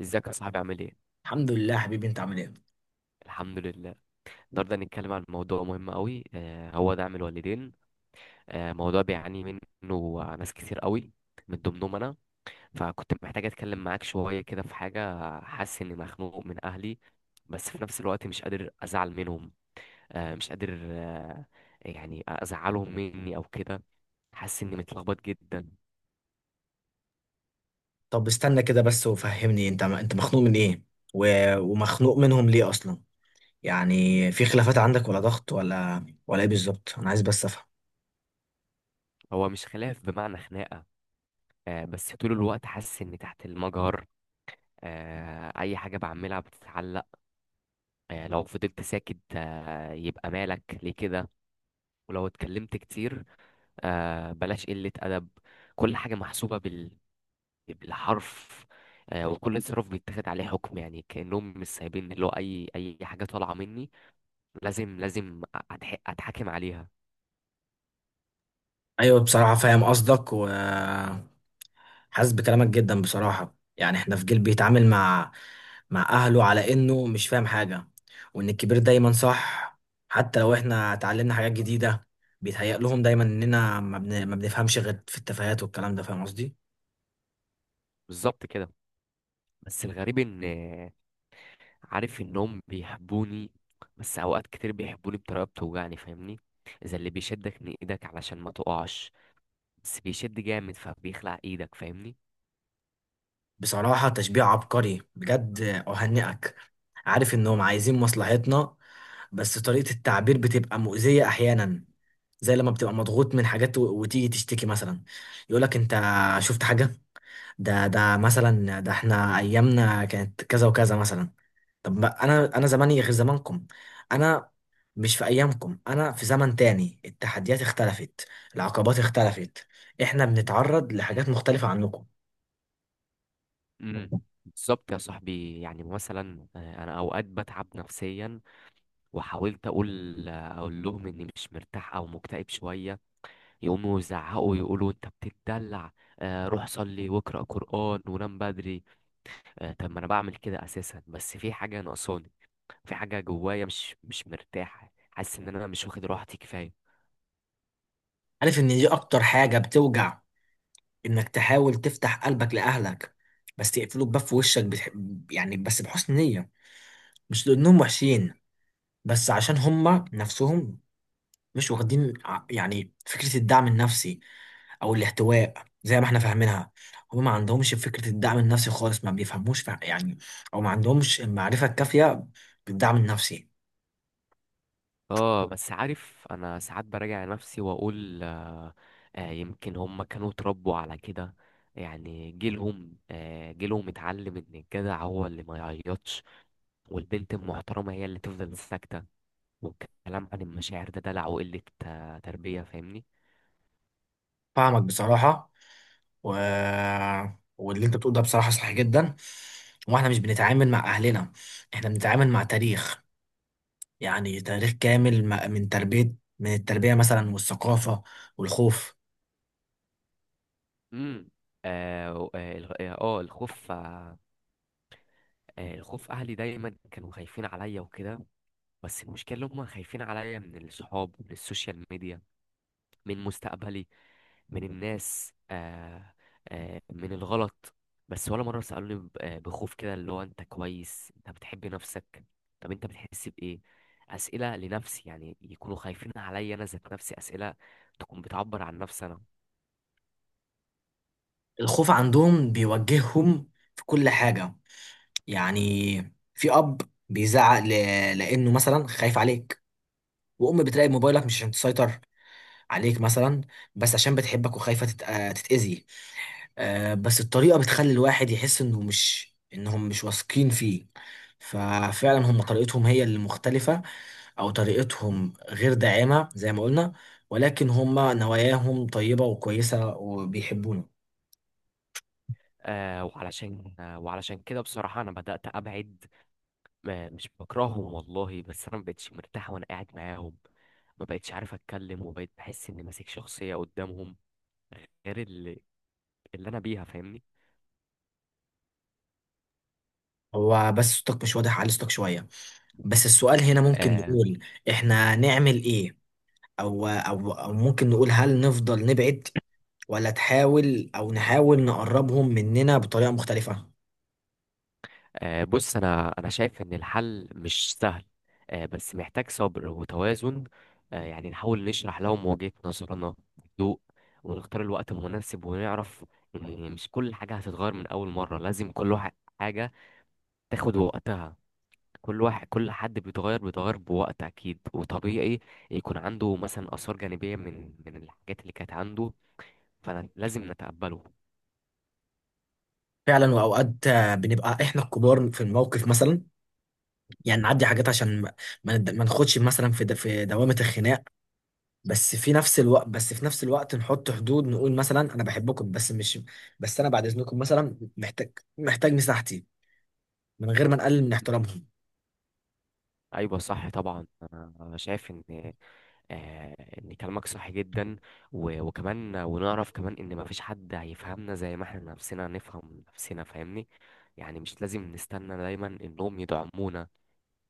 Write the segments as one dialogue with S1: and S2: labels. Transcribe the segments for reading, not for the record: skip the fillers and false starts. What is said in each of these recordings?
S1: ازيك يا صاحبي، عامل ايه؟
S2: الحمد لله، حبيبي. انت عامل ايه؟
S1: الحمد لله. النهارده هنتكلم عن موضوع مهم قوي، هو دعم الوالدين. موضوع بيعاني منه ناس كتير قوي، من ضمنهم انا. فكنت محتاج اتكلم معاك شويه كده في حاجه، حاسس اني مخنوق من اهلي، بس في نفس الوقت مش قادر ازعل منهم. مش قادر يعني ازعلهم مني او كده. حاسس اني متلخبط جدا.
S2: طب استنى كده بس وفهمني. انت مخنوق من ايه، و... ومخنوق منهم ليه اصلا؟ يعني في خلافات عندك ولا ضغط ولا ايه بالظبط؟ انا عايز بس افهم.
S1: هو مش خلاف بمعنى خناقه، بس طول الوقت حاسس اني تحت المجهر. اي حاجه بعملها بتتعلق، يعني لو فضلت ساكت، يبقى مالك ليه كده، ولو اتكلمت كتير، بلاش قلة أدب. كل حاجة محسوبة بالحرف. وكل تصرف بيتاخد عليه حكم، يعني كأنهم مش سايبين اللي هو أي حاجة طالعة مني، لازم أتحاكم عليها.
S2: ايوه، بصراحه فاهم قصدك وحاسس بكلامك جدا. بصراحه يعني احنا في جيل بيتعامل مع اهله على انه مش فاهم حاجه، وان الكبير دايما صح، حتى لو احنا اتعلمنا حاجات جديده. بيتهيأ لهم دايما اننا ما بنفهمش غير في التفاهات والكلام ده. فاهم قصدي؟
S1: بالظبط كده. بس الغريب إن، عارف إنهم بيحبوني، بس أوقات كتير بيحبوني بطريقة بتوجعني، فاهمني؟ إذا اللي بيشدك من إيدك علشان ما تقعش، بس بيشد جامد فبيخلع إيدك، فاهمني؟
S2: بصراحة تشبيه عبقري بجد. أهنئك. عارف إنهم عايزين مصلحتنا، بس طريقة التعبير بتبقى مؤذية أحيانا، زي لما بتبقى مضغوط من حاجات وتيجي تشتكي مثلا. يقولك أنت شفت حاجة؟ ده مثلا، ده احنا أيامنا كانت كذا وكذا مثلا. طب ما أنا زماني غير زمانكم. أنا مش في أيامكم، أنا في زمن تاني. التحديات اختلفت، العقبات اختلفت، احنا بنتعرض لحاجات مختلفة عنكم.
S1: مم. بالظبط يا صاحبي. يعني مثلا، انا اوقات بتعب نفسيا، وحاولت اقول لهم اني مش مرتاح او مكتئب شويه، يقوموا يزعقوا يقولوا انت بتتدلع. روح صلي واقرا قران ونام بدري. طب ما انا بعمل كده اساسا، بس في حاجه ناقصاني، في حاجه جوايا مش مرتاحه. حاسس ان انا مش واخد راحتي كفايه.
S2: عارف ان دي اكتر حاجة بتوجع، انك تحاول تفتح قلبك لأهلك بس يقفلوا الباب في وشك. يعني بس بحسن نية، مش لأنهم وحشين، بس عشان هما نفسهم مش واخدين يعني فكرة الدعم النفسي او الاحتواء زي ما احنا فاهمينها. هما ما عندهمش فكرة الدعم النفسي خالص، ما بيفهموش يعني، او ما عندهمش المعرفة الكافية بالدعم النفسي.
S1: اه، بس عارف انا ساعات براجع نفسي واقول يمكن هم كانوا اتربوا على كده. يعني جيلهم اتعلم ان الجدع هو اللي ما يعيطش، والبنت المحترمة هي اللي تفضل ساكتة، والكلام عن المشاعر ده دلع وقلة، تربية، فاهمني؟
S2: فاهمك بصراحة، و... واللي انت بتقوله ده بصراحة صح جدا. واحنا مش بنتعامل مع اهلنا، احنا بنتعامل مع تاريخ. يعني تاريخ كامل من التربية مثلا، والثقافة، والخوف.
S1: امم. الخوف الخوف، اهلي دايما كانوا خايفين عليا وكده، بس المشكلة هم خايفين عليا من الصحاب، من السوشيال ميديا، من مستقبلي، من الناس من الغلط. بس ولا مرة سألوني بخوف كده، اللي هو انت كويس، انت بتحب نفسك؟ طب انت بتحس بإيه؟ أسئلة لنفسي، يعني يكونوا خايفين عليا أنا ذات نفسي، أسئلة تكون بتعبر عن نفسي أنا.
S2: الخوف عندهم بيوجههم في كل حاجة. يعني في اب بيزعق لانه مثلا خايف عليك، وام بتراقب موبايلك مش عشان تسيطر عليك مثلا، بس عشان بتحبك وخايفة تتأذي. بس الطريقة بتخلي الواحد يحس انهم مش واثقين فيه. ففعلا هم طريقتهم هي اللي مختلفة، او طريقتهم غير داعمة زي ما قلنا، ولكن هم نواياهم طيبة وكويسة وبيحبونا.
S1: وعلشان كده بصراحة أنا بدأت أبعد. مش بكرههم والله، بس أنا مبقتش مرتاح وأنا قاعد معاهم، مبقتش عارف أتكلم، وبقيت بحس إني ماسك شخصية قدامهم غير اللي أنا بيها، فاهمني؟
S2: هو بس صوتك مش واضح علي، صوتك شوية. بس السؤال هنا ممكن
S1: آه،
S2: نقول احنا نعمل ايه؟ او ممكن نقول هل نفضل نبعد، ولا تحاول او نحاول نقربهم مننا بطريقة مختلفة؟
S1: بص، انا شايف ان الحل مش سهل، بس محتاج صبر وتوازن. يعني نحاول نشرح لهم وجهة نظرنا بهدوء، ونختار الوقت المناسب، ونعرف ان مش كل حاجة هتتغير من اول مرة. لازم كل واحد، حاجة، تاخد وقتها. كل حد بيتغير بوقت، اكيد وطبيعي يكون عنده مثلا اثار جانبية من الحاجات اللي كانت عنده، فلازم نتقبله.
S2: فعلا، واوقات بنبقى احنا الكبار في الموقف مثلا. يعني نعدي حاجات عشان ما نخدش مثلا في دوامة الخناق. بس في نفس الوقت نحط حدود، نقول مثلا انا بحبكم، بس مش بس انا بعد اذنكم مثلا محتاج مساحتي من غير ما نقلل من احترامهم.
S1: ايوه صح طبعا. أنا شايف ان كلامك صح جدا. وكمان ونعرف كمان ان مفيش حد هيفهمنا زي ما احنا نفسنا نفهم نفسنا، فاهمني؟ يعني مش لازم نستنى دايما انهم يدعمونا.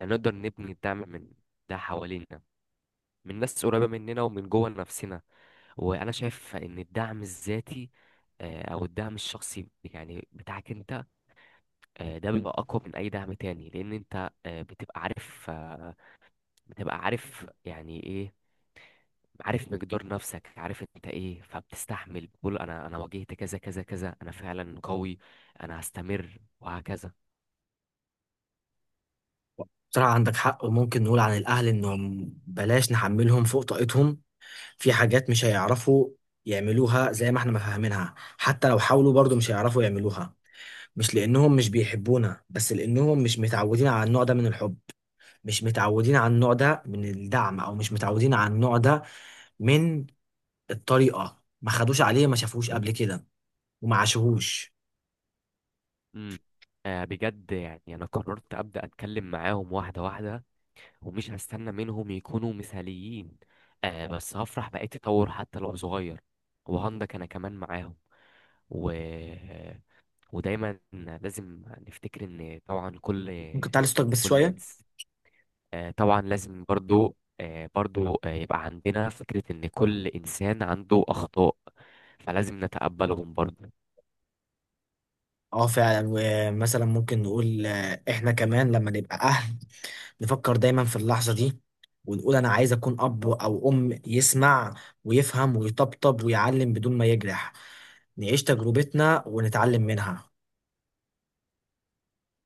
S1: يعني نقدر نبني الدعم من ده حوالينا، من ناس قريبة مننا ومن جوه نفسنا. وانا شايف ان الدعم الذاتي، او الدعم الشخصي يعني بتاعك انت، ده بيبقى اقوى من اي دعم تاني، لان انت بتبقى عارف يعني ايه. عارف مقدار نفسك، عارف انت ايه، فبتستحمل، بتقول انا واجهت كذا كذا كذا، انا فعلا قوي، انا هستمر وهكذا.
S2: بصراحة عندك حق. وممكن نقول عن الاهل انهم بلاش نحملهم فوق طاقتهم. في حاجات مش هيعرفوا يعملوها زي ما احنا ما فاهمينها، حتى لو حاولوا برضو مش هيعرفوا يعملوها. مش لأنهم مش بيحبونا، بس لأنهم مش متعودين على النوع ده من الحب، مش متعودين على النوع ده من الدعم، أو مش متعودين على النوع ده من الطريقة، ما خدوش عليه، ما شافوش قبل كده، وما عاشوهوش.
S1: امم. بجد، يعني انا قررت ابدا اتكلم معاهم واحده واحده، ومش هستنى منهم يكونوا مثاليين. بس هفرح باي تطور حتى لو صغير، وهندك انا كمان معاهم، و... آه، ودايما لازم نفتكر ان طبعا
S2: ممكن تعلي صوتك بس
S1: كل
S2: شوية.
S1: انسان، طبعا لازم برضو، يبقى عندنا فكرة إن كل إنسان عنده أخطاء، فلازم نتقبلهم برضو.
S2: اه فعلا، ومثلا ممكن نقول احنا كمان لما نبقى أهل. نفكر دايما في اللحظة دي، ونقول أنا عايز أكون أب أو أم يسمع ويفهم ويطبطب ويعلم بدون ما يجرح. نعيش تجربتنا ونتعلم منها.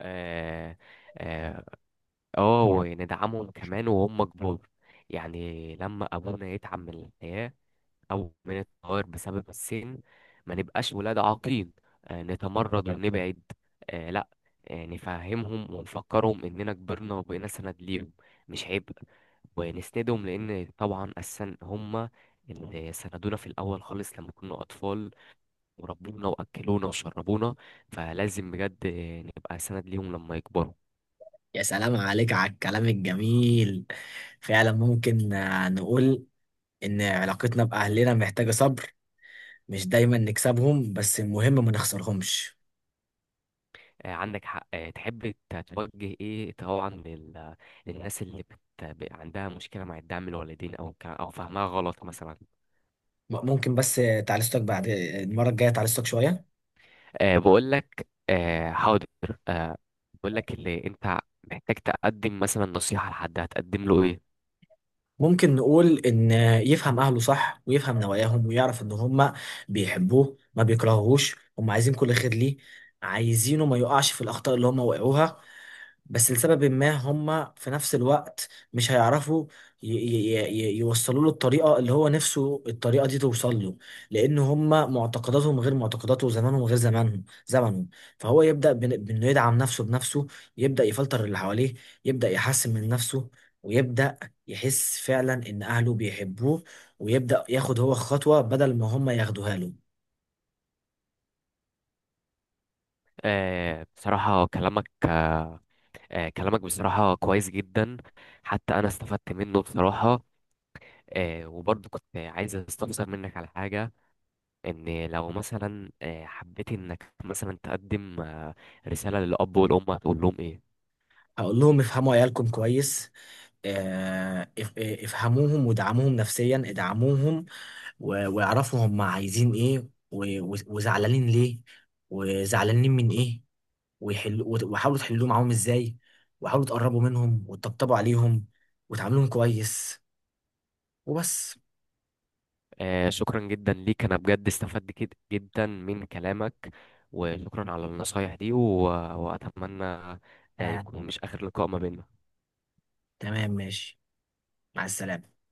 S1: آه آه وندعمهم كمان وهم كبار. يعني لما أبونا يتعب من الحياة، أو من التغير بسبب السن، ما نبقاش ولاد عاقين، نتمرد ونبعد. لا، نفهمهم ونفكرهم إننا كبرنا وبقينا سند ليهم، مش عيب، ونسندهم، لان طبعا اساسا هم اللي سندونا في الاول خالص لما كنا اطفال، وربونا واكلونا وشربونا. فلازم بجد نبقى سند ليهم لما يكبروا.
S2: يا سلام عليك على الكلام الجميل. فعلا ممكن نقول إن علاقتنا بأهلنا محتاجة صبر، مش دايما نكسبهم، بس المهم ما نخسرهمش.
S1: عندك حق. تحب توجه ايه طبعا للناس اللي عندها مشكله مع الدعم الوالدين، او فهمها غلط مثلا؟
S2: ممكن بس تعالجتك بعد المرة الجاية، تعالجتك شوية.
S1: أه، بقول لك. أه، حاضر. أه، بقول لك، اللي انت محتاج تقدم مثلا نصيحه لحد، هتقدم له ايه؟
S2: ممكن نقول إن يفهم أهله صح، ويفهم نواياهم، ويعرف إن هما بيحبوه ما بيكرهوهوش. هما عايزين كل خير ليه، عايزينه ما يقعش في الأخطاء اللي هما وقعوها. بس لسبب ما هم في نفس الوقت مش هيعرفوا يوصلوا له الطريقة اللي هو نفسه الطريقة دي توصل له. لأن هم معتقداتهم غير معتقداته، وزمانهم غير زمنه. فهو يبدأ بإنه يدعم نفسه بنفسه، يبدأ يفلتر اللي حواليه، يبدأ يحسن من نفسه، ويبدأ يحس فعلا إن أهله بيحبوه، ويبدأ ياخد هو خطوة بدل ما هم ياخدوها له.
S1: أه، بصراحه كلامك بصراحة كويس جدا، حتى أنا استفدت منه بصراحة. وبرضه كنت عايز أستفسر منك على حاجة، إن لو مثلا، حبيت إنك مثلا تقدم، رسالة للأب والأم، هتقول لهم إيه؟
S2: هقول لهم افهموا عيالكم كويس. افهموهم ودعموهم نفسيا، ادعموهم، واعرفوا هم عايزين ايه، وزعلانين ليه، وزعلانين من ايه، وحاولوا تحلوه معاهم ازاي، وحاولوا تقربوا منهم وتطبطبوا عليهم، وتعاملوهم كويس. وبس.
S1: شكرا جدا ليك، أنا بجد استفدت جدا من كلامك، وشكرا على النصايح دي، وأتمنى،
S2: آه.
S1: يكون مش آخر لقاء ما بيننا.
S2: تمام، ماشي. مع السلامة.